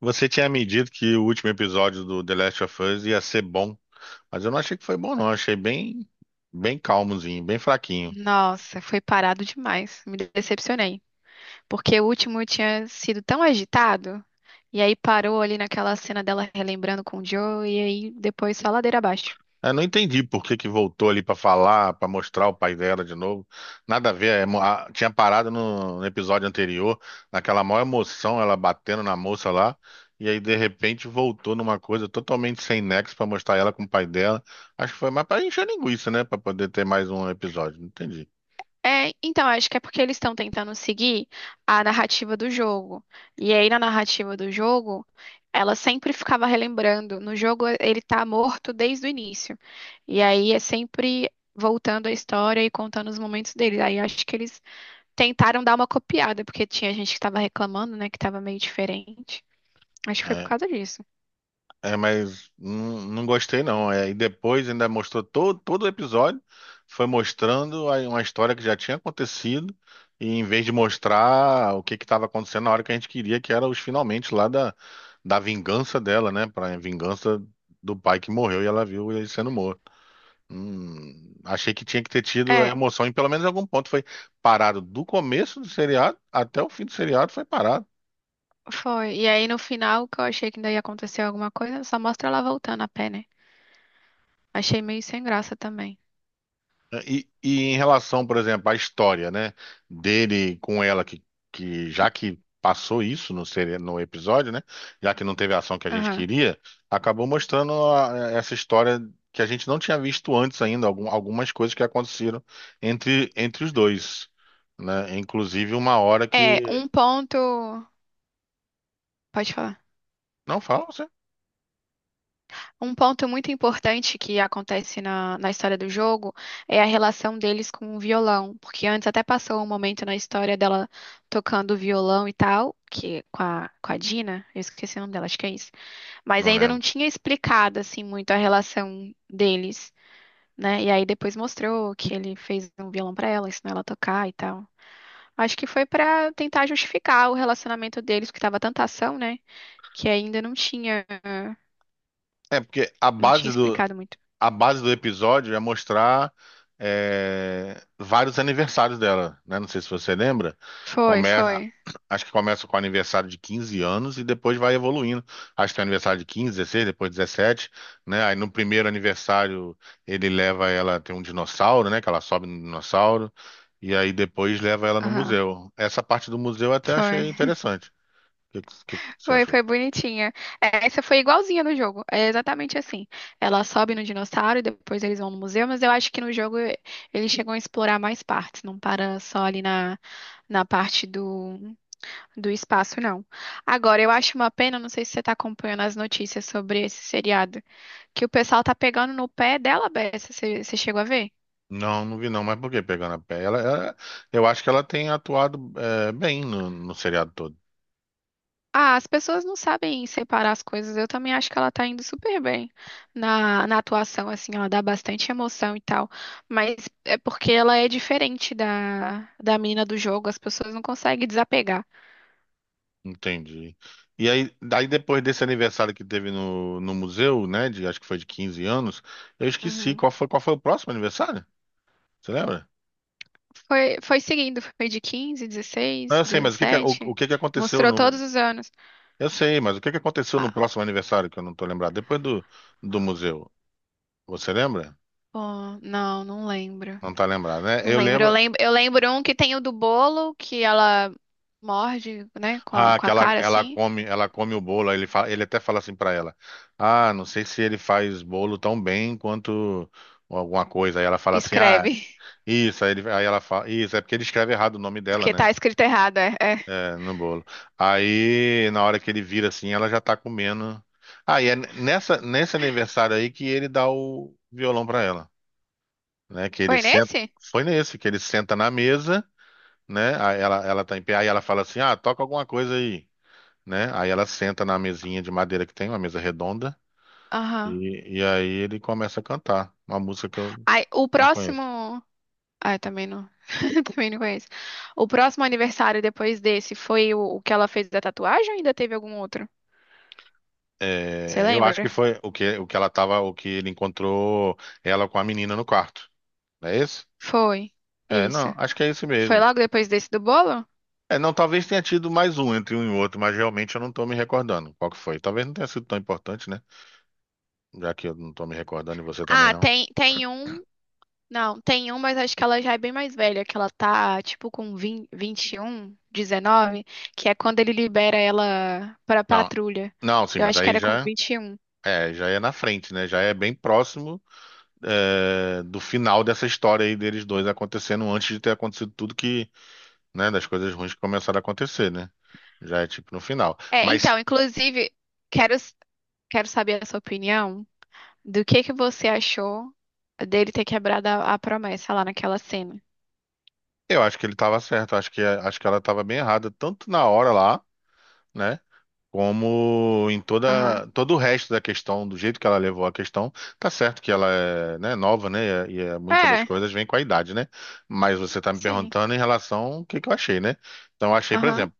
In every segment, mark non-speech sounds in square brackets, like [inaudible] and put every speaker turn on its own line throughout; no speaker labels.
Você tinha me dito que o último episódio do The Last of Us ia ser bom, mas eu não achei que foi bom, não. Achei bem calmozinho, bem fraquinho.
Nossa, foi parado demais. Me decepcionei. Porque o último tinha sido tão agitado. E aí parou ali naquela cena dela relembrando com o Joe. E aí depois só ladeira abaixo.
Eu não entendi por que que voltou ali pra falar, pra mostrar o pai dela de novo. Nada a ver. Tinha parado no episódio anterior, naquela maior emoção, ela batendo na moça lá, e aí de repente voltou numa coisa totalmente sem nexo pra mostrar ela com o pai dela. Acho que foi mais pra encher linguiça, né? Pra poder ter mais um episódio. Não entendi.
É, então, acho que é porque eles estão tentando seguir a narrativa do jogo. E aí na narrativa do jogo, ela sempre ficava relembrando. No jogo, ele tá morto desde o início. E aí é sempre voltando a história e contando os momentos dele. Aí acho que eles tentaram dar uma copiada, porque tinha gente que tava reclamando, né, que tava meio diferente. Acho que foi por
É,
causa disso.
Mas não gostei não. É, e depois ainda mostrou todo o episódio, foi mostrando aí uma história que já tinha acontecido, e em vez de mostrar o que que estava acontecendo na hora que a gente queria, que era os finalmente lá da vingança dela, né? Pra vingança do pai que morreu e ela viu ele sendo morto. Achei que tinha que ter tido a
É,
emoção, e pelo menos em algum ponto foi parado do começo do seriado até o fim do seriado foi parado.
foi. E aí no final, que eu achei que ainda ia acontecer alguma coisa, só mostra ela voltando a pé, né? Achei meio sem graça também.
Né, e em relação, por exemplo, à história, né, dele com ela, que já que passou isso no episódio, né, já que não teve a ação que a gente
Aham.
queria, acabou mostrando essa história que a gente não tinha visto antes ainda, algumas coisas que aconteceram entre os dois, né, inclusive uma hora
É,
que...
um ponto. Pode falar.
Não fala você?
Um ponto muito importante que acontece na história do jogo é a relação deles com o violão. Porque antes até passou um momento na história dela tocando violão e tal, que com a Dina, eu esqueci o nome dela, acho que é isso. Mas
Não
ainda não
lembro.
tinha explicado assim muito a relação deles, né? E aí depois mostrou que ele fez um violão pra ela, ensinou ela a tocar e tal. Acho que foi pra tentar justificar o relacionamento deles, que tava tanta ação, né? Que ainda não tinha,
É porque a
não tinha
base
explicado muito.
a base do episódio é mostrar vários aniversários dela, né? Não sei se você lembra.
Foi,
Começa,
foi.
acho que começa com o aniversário de 15 anos e depois vai evoluindo. Acho que tem aniversário de 15, 16, depois 17, né? Aí no primeiro aniversário ele leva ela, tem um dinossauro, né? Que ela sobe no dinossauro. E aí depois leva ela no
Aham.
museu. Essa parte do museu eu até
Foi,
achei interessante. O que, que você
foi,
achou?
foi bonitinha. É, essa foi igualzinha no jogo, é exatamente assim. Ela sobe no dinossauro e depois eles vão no museu, mas eu acho que no jogo eles chegam a explorar mais partes, não para só ali na parte do espaço, não. Agora, eu acho uma pena, não sei se você tá acompanhando as notícias sobre esse seriado, que o pessoal tá pegando no pé dela, Bessa, você chegou a ver?
Não vi não, mas por que pegando a pé? Eu acho que ela tem atuado bem no seriado todo.
Ah, as pessoas não sabem separar as coisas. Eu também acho que ela tá indo super bem na atuação, assim, ela dá bastante emoção e tal. Mas é porque ela é diferente da menina do jogo, as pessoas não conseguem desapegar.
Entendi. E aí, daí depois desse aniversário que teve no museu, né? De, acho que foi de 15 anos, eu esqueci
Uhum.
qual foi o próximo aniversário? Você lembra?
Foi, foi seguindo, foi de 15,
Não,
16,
eu sei, mas o que que, o
17,
que que aconteceu
mostrou todos
no.
os anos.
Eu sei, mas o que que aconteceu no
Ah,
próximo aniversário que eu não tô lembrado? Do museu. Você lembra?
pô, não, não lembro.
Não tá lembrado, né?
Não
Eu
lembro. Eu
lembro,
lembro, eu lembro um que tem o do bolo, que ela morde, né, com a,
Ah,
com
que
a cara assim,
ela come o bolo. Aí ele fala, ele até fala assim pra ela: Ah, não sei se ele faz bolo tão bem quanto alguma coisa. Aí ela fala
e
assim:
escreve. [laughs]
isso. Aí ela fala: Isso é porque ele escreve errado o nome dela,
Porque
né?
tá escrito errado, é. É.
É, no bolo. Aí na hora que ele vira assim, ela já tá comendo. Ah, e é nessa nesse aniversário aí que ele dá o violão pra ela, né? Que ele
Foi
senta,
nesse?
foi nesse que ele senta na mesa, né? Aí ela tá em pé, aí ela fala assim: Ah, toca alguma coisa aí né? Aí ela senta na mesinha de madeira que tem, uma mesa redonda,
Aham.
e aí ele começa a cantar uma música que eu
Aí, o
não conheço.
próximo. Ah, eu também não. [laughs] Também não conheço. O próximo aniversário depois desse foi o que ela fez da tatuagem ou ainda teve algum outro? Você
É, eu acho que
lembra?
foi o que ela tava, o que ele encontrou ela com a menina no quarto. Não é esse?
Foi.
É,
Isso.
não, acho que é esse
Foi
mesmo.
logo depois desse do bolo?
É, não, talvez tenha tido mais um entre um e outro, mas realmente eu não tô me recordando qual que foi. Talvez não tenha sido tão importante, né? Já que eu não tô me recordando e você também
Ah,
não.
tem, tem um. Não, tem um, mas acho que ela já é bem mais velha, que ela tá, tipo, com vinte e um, 19, que é quando ele libera ela pra
Não,
patrulha.
não, sim,
Eu
mas
acho que
aí
era com
já
21.
já é na frente, né? Já é bem próximo do final dessa história aí deles dois acontecendo antes de ter acontecido tudo que, né, das coisas ruins que começaram a acontecer, né? Já é tipo no final.
É,
Mas
então, inclusive, quero, quero saber a sua opinião do que você achou dele ter quebrado a promessa lá naquela cena.
eu acho que ele tava certo, acho que ela tava bem errada, tanto na hora lá, né? Como em
Aham.
toda todo o resto da questão, do jeito que ela levou a questão, tá certo que ela é, né, nova, né? Muitas das
É,
coisas vêm com a idade, né? Mas você tá me
sim.
perguntando em relação ao que eu achei, né? Então eu achei, por
Aham.
exemplo,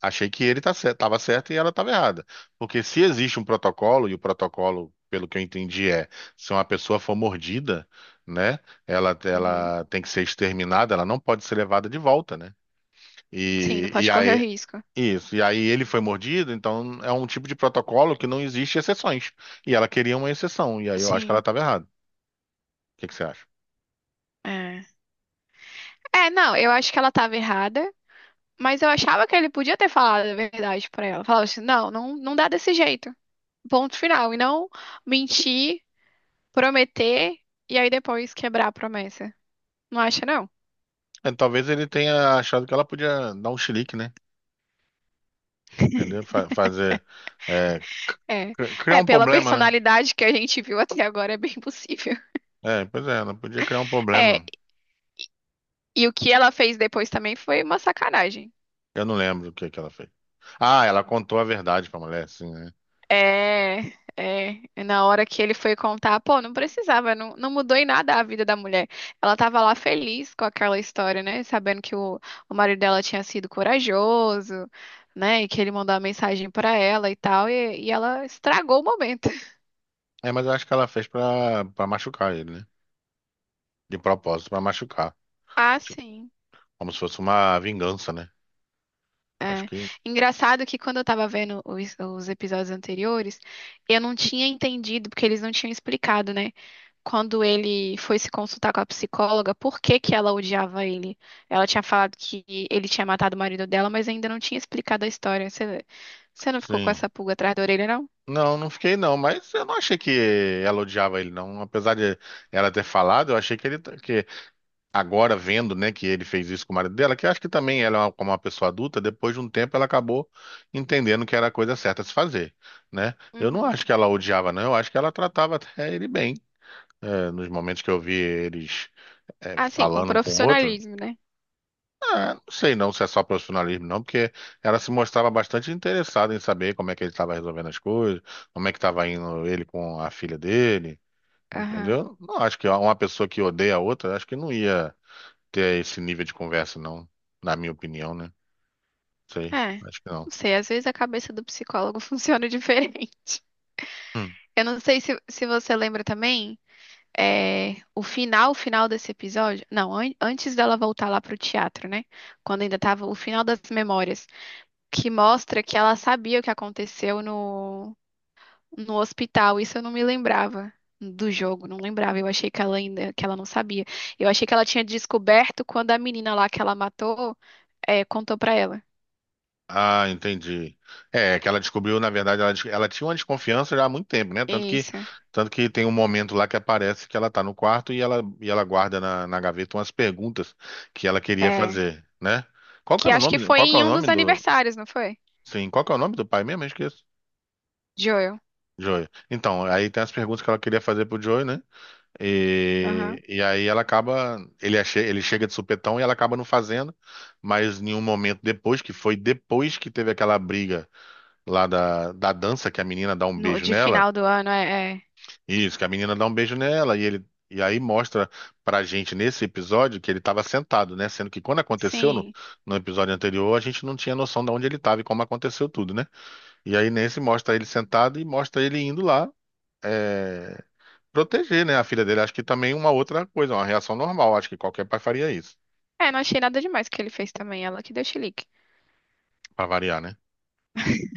achei que tava certo e ela estava errada. Porque se existe um protocolo, e o protocolo, pelo que eu entendi, é se uma pessoa for mordida, né,
Uhum.
ela tem que ser exterminada, ela não pode ser levada de volta, né?
Sim, não
E, e
pode correr o
aí,
risco.
isso, e aí ele foi mordido, então é um tipo de protocolo que não existe exceções. E ela queria uma exceção, e aí eu acho que ela
Sim.
estava errada. O que que você acha?
É. É, não, eu acho que ela tava errada. Mas eu achava que ele podia ter falado a verdade pra ela. Falava assim, não, não, não dá desse jeito. Ponto final. E não mentir, prometer e aí depois quebrar a promessa. Não acha, não?
É, talvez ele tenha achado que ela podia dar um chilique, né? Entendeu? Fazer. é, c-
É.
criar
É,
um
pela
problema, né?
personalidade que a gente viu até agora, é bem possível.
É, pois é, ela podia criar um
É,
problema.
e o que ela fez depois também foi uma sacanagem.
Eu não lembro o que que ela fez. Ah, ela contou a verdade pra mulher, sim, né?
É, é. E na hora que ele foi contar, pô, não precisava, não, não mudou em nada a vida da mulher. Ela tava lá feliz com aquela história, né? Sabendo que o marido dela tinha sido corajoso, né? E que ele mandou uma mensagem pra ela e tal, e ela estragou o momento. [laughs]
É, mas eu acho que ela fez pra machucar ele, né? De propósito, pra machucar.
Ah,
Tipo,
sim.
como se fosse uma vingança, né? Acho
É.
que
Engraçado que quando eu tava vendo os episódios anteriores, eu não tinha entendido, porque eles não tinham explicado, né? Quando ele foi se consultar com a psicóloga, por que que ela odiava ele? Ela tinha falado que ele tinha matado o marido dela, mas ainda não tinha explicado a história. Você, você não ficou com
sim.
essa pulga atrás da orelha, não?
Não fiquei não, mas eu não achei que ela odiava ele, não. Apesar de ela ter falado, eu achei que que agora vendo, né, que ele fez isso com o marido dela, que eu acho que também como uma pessoa adulta, depois de um tempo ela acabou entendendo que era a coisa certa a se fazer, né? Eu não
Uhum.
acho que ela odiava, não, eu acho que ela tratava até ele bem. Nos momentos que eu vi eles
Assim, com
falando um com o outro,
profissionalismo, né?
eu não sei não se é só profissionalismo, não, porque ela se mostrava bastante interessada em saber como é que ele estava resolvendo as coisas, como é que estava indo ele com a filha dele,
Aham.
entendeu? Não acho que uma pessoa que odeia a outra, acho que não ia ter esse nível de conversa, não. Na minha opinião, né? Sei,
É.
acho que não.
Não sei, às vezes a cabeça do psicólogo [laughs] funciona diferente.
Hum.
Eu não sei se você lembra também. É, o final desse episódio, não, antes dela voltar lá pro teatro, né? Quando ainda tava o final das memórias, que mostra que ela sabia o que aconteceu no hospital. Isso eu não me lembrava do jogo, não lembrava. Eu achei que ela ainda, que ela não sabia. Eu achei que ela tinha descoberto quando a menina lá que ela matou, é, contou pra ela.
Ah, entendi. É, é que ela descobriu, na verdade, ela tinha uma desconfiança já há muito tempo, né?
Isso,
Tanto que tem um momento lá que aparece que ela tá no quarto e ela guarda na gaveta umas perguntas que ela queria
é.
fazer, né?
Que acho que foi
Qual que é o
em um
nome
dos
do,
aniversários, não foi?
sim, qual que é o nome do pai mesmo? Eu esqueço.
Joel.
Joey. Então, aí tem as perguntas que ela queria fazer pro Joey, né?
Aham.
E aí ela acaba, ele chega de supetão e ela acaba não fazendo, mas em um momento depois, que foi depois que teve aquela briga lá da dança, que a menina dá um
No,
beijo
de
nela,
final do ano, é. É.
isso, que a menina dá um beijo nela, e aí mostra pra gente nesse episódio que ele tava sentado, né? Sendo que quando aconteceu
Sim.
no episódio anterior, a gente não tinha noção de onde ele tava e como aconteceu tudo, né? E aí nesse mostra ele sentado e mostra ele indo lá. eh, Proteger, né, a filha dele. Acho que também uma outra coisa, uma reação normal. Acho que qualquer pai faria isso,
É, não achei nada demais que ele fez também, ela que deu chilique.
pra variar, né?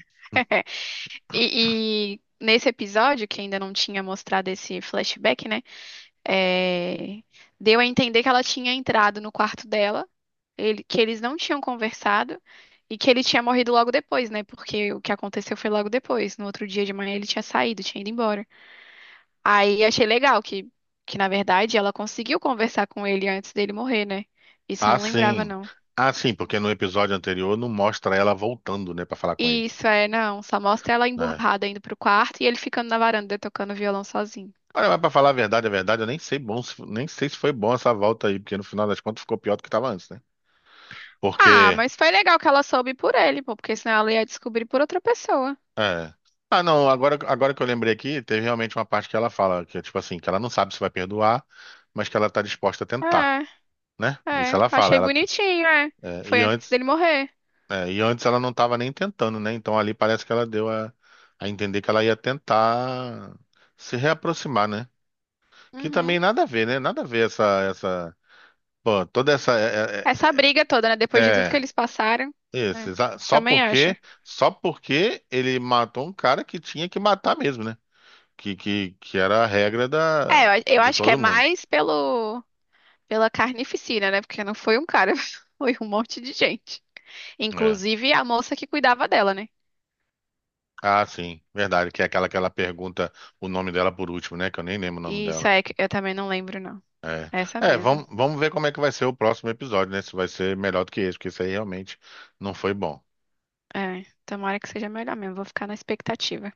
[laughs] E, e nesse episódio, que ainda não tinha mostrado esse flashback, né? É, deu a entender que ela tinha entrado no quarto dela, que eles não tinham conversado e que ele tinha morrido logo depois, né? Porque o que aconteceu foi logo depois. No outro dia de manhã ele tinha saído, tinha ido embora. Aí achei legal que na verdade, ela conseguiu conversar com ele antes dele morrer, né? Isso eu
Ah,
não lembrava,
sim.
não.
Ah, sim, porque no episódio anterior não mostra ela voltando, né, pra falar com ele.
Isso, é, não. Só mostra ela
Né?
emburrada indo pro quarto e ele ficando na varanda tocando violão sozinho.
Olha, mas pra falar a verdade, eu nem sei bom, se- nem sei se foi bom essa volta aí, porque no final das contas ficou pior do que tava antes, né?
Ah,
Porque,
mas foi legal que ela soube por ele, pô, porque senão ela ia descobrir por outra pessoa.
é. Ah, não, agora que eu lembrei aqui, teve realmente uma parte que ela fala, que é tipo assim, que ela não sabe se vai perdoar, mas que ela tá disposta a tentar,
É,
né? Isso
é.
ela fala,
Achei
ela, tá,
bonitinho, é.
é,
Foi
e
antes
antes
dele morrer.
É, e antes ela não estava nem tentando, né? Então ali parece que ela deu a entender que ela ia tentar se reaproximar, né? Que
Uhum.
também nada a ver, né? Nada a ver essa, pô, toda essa,
Essa briga toda, né?
é,
Depois de tudo que
é-
eles passaram.
é, isso,
É, também acho.
só porque ele matou um cara que tinha que matar mesmo, né? Que era a regra da,
É, eu
de
acho que é
todo mundo.
mais pelo, pela carnificina, né? Porque não foi um cara, [laughs] foi um monte de gente.
É.
Inclusive a moça que cuidava dela, né?
Ah, sim, verdade, que é aquela que ela pergunta o nome dela por último, né? Que eu nem lembro o nome
Isso
dela.
é que eu também não lembro, não.
É,
Essa
é
mesmo.
vamos ver como é que vai ser o próximo episódio, né? Se vai ser melhor do que esse, porque esse aí realmente não foi bom.
É, tomara que seja melhor mesmo. Vou ficar na expectativa.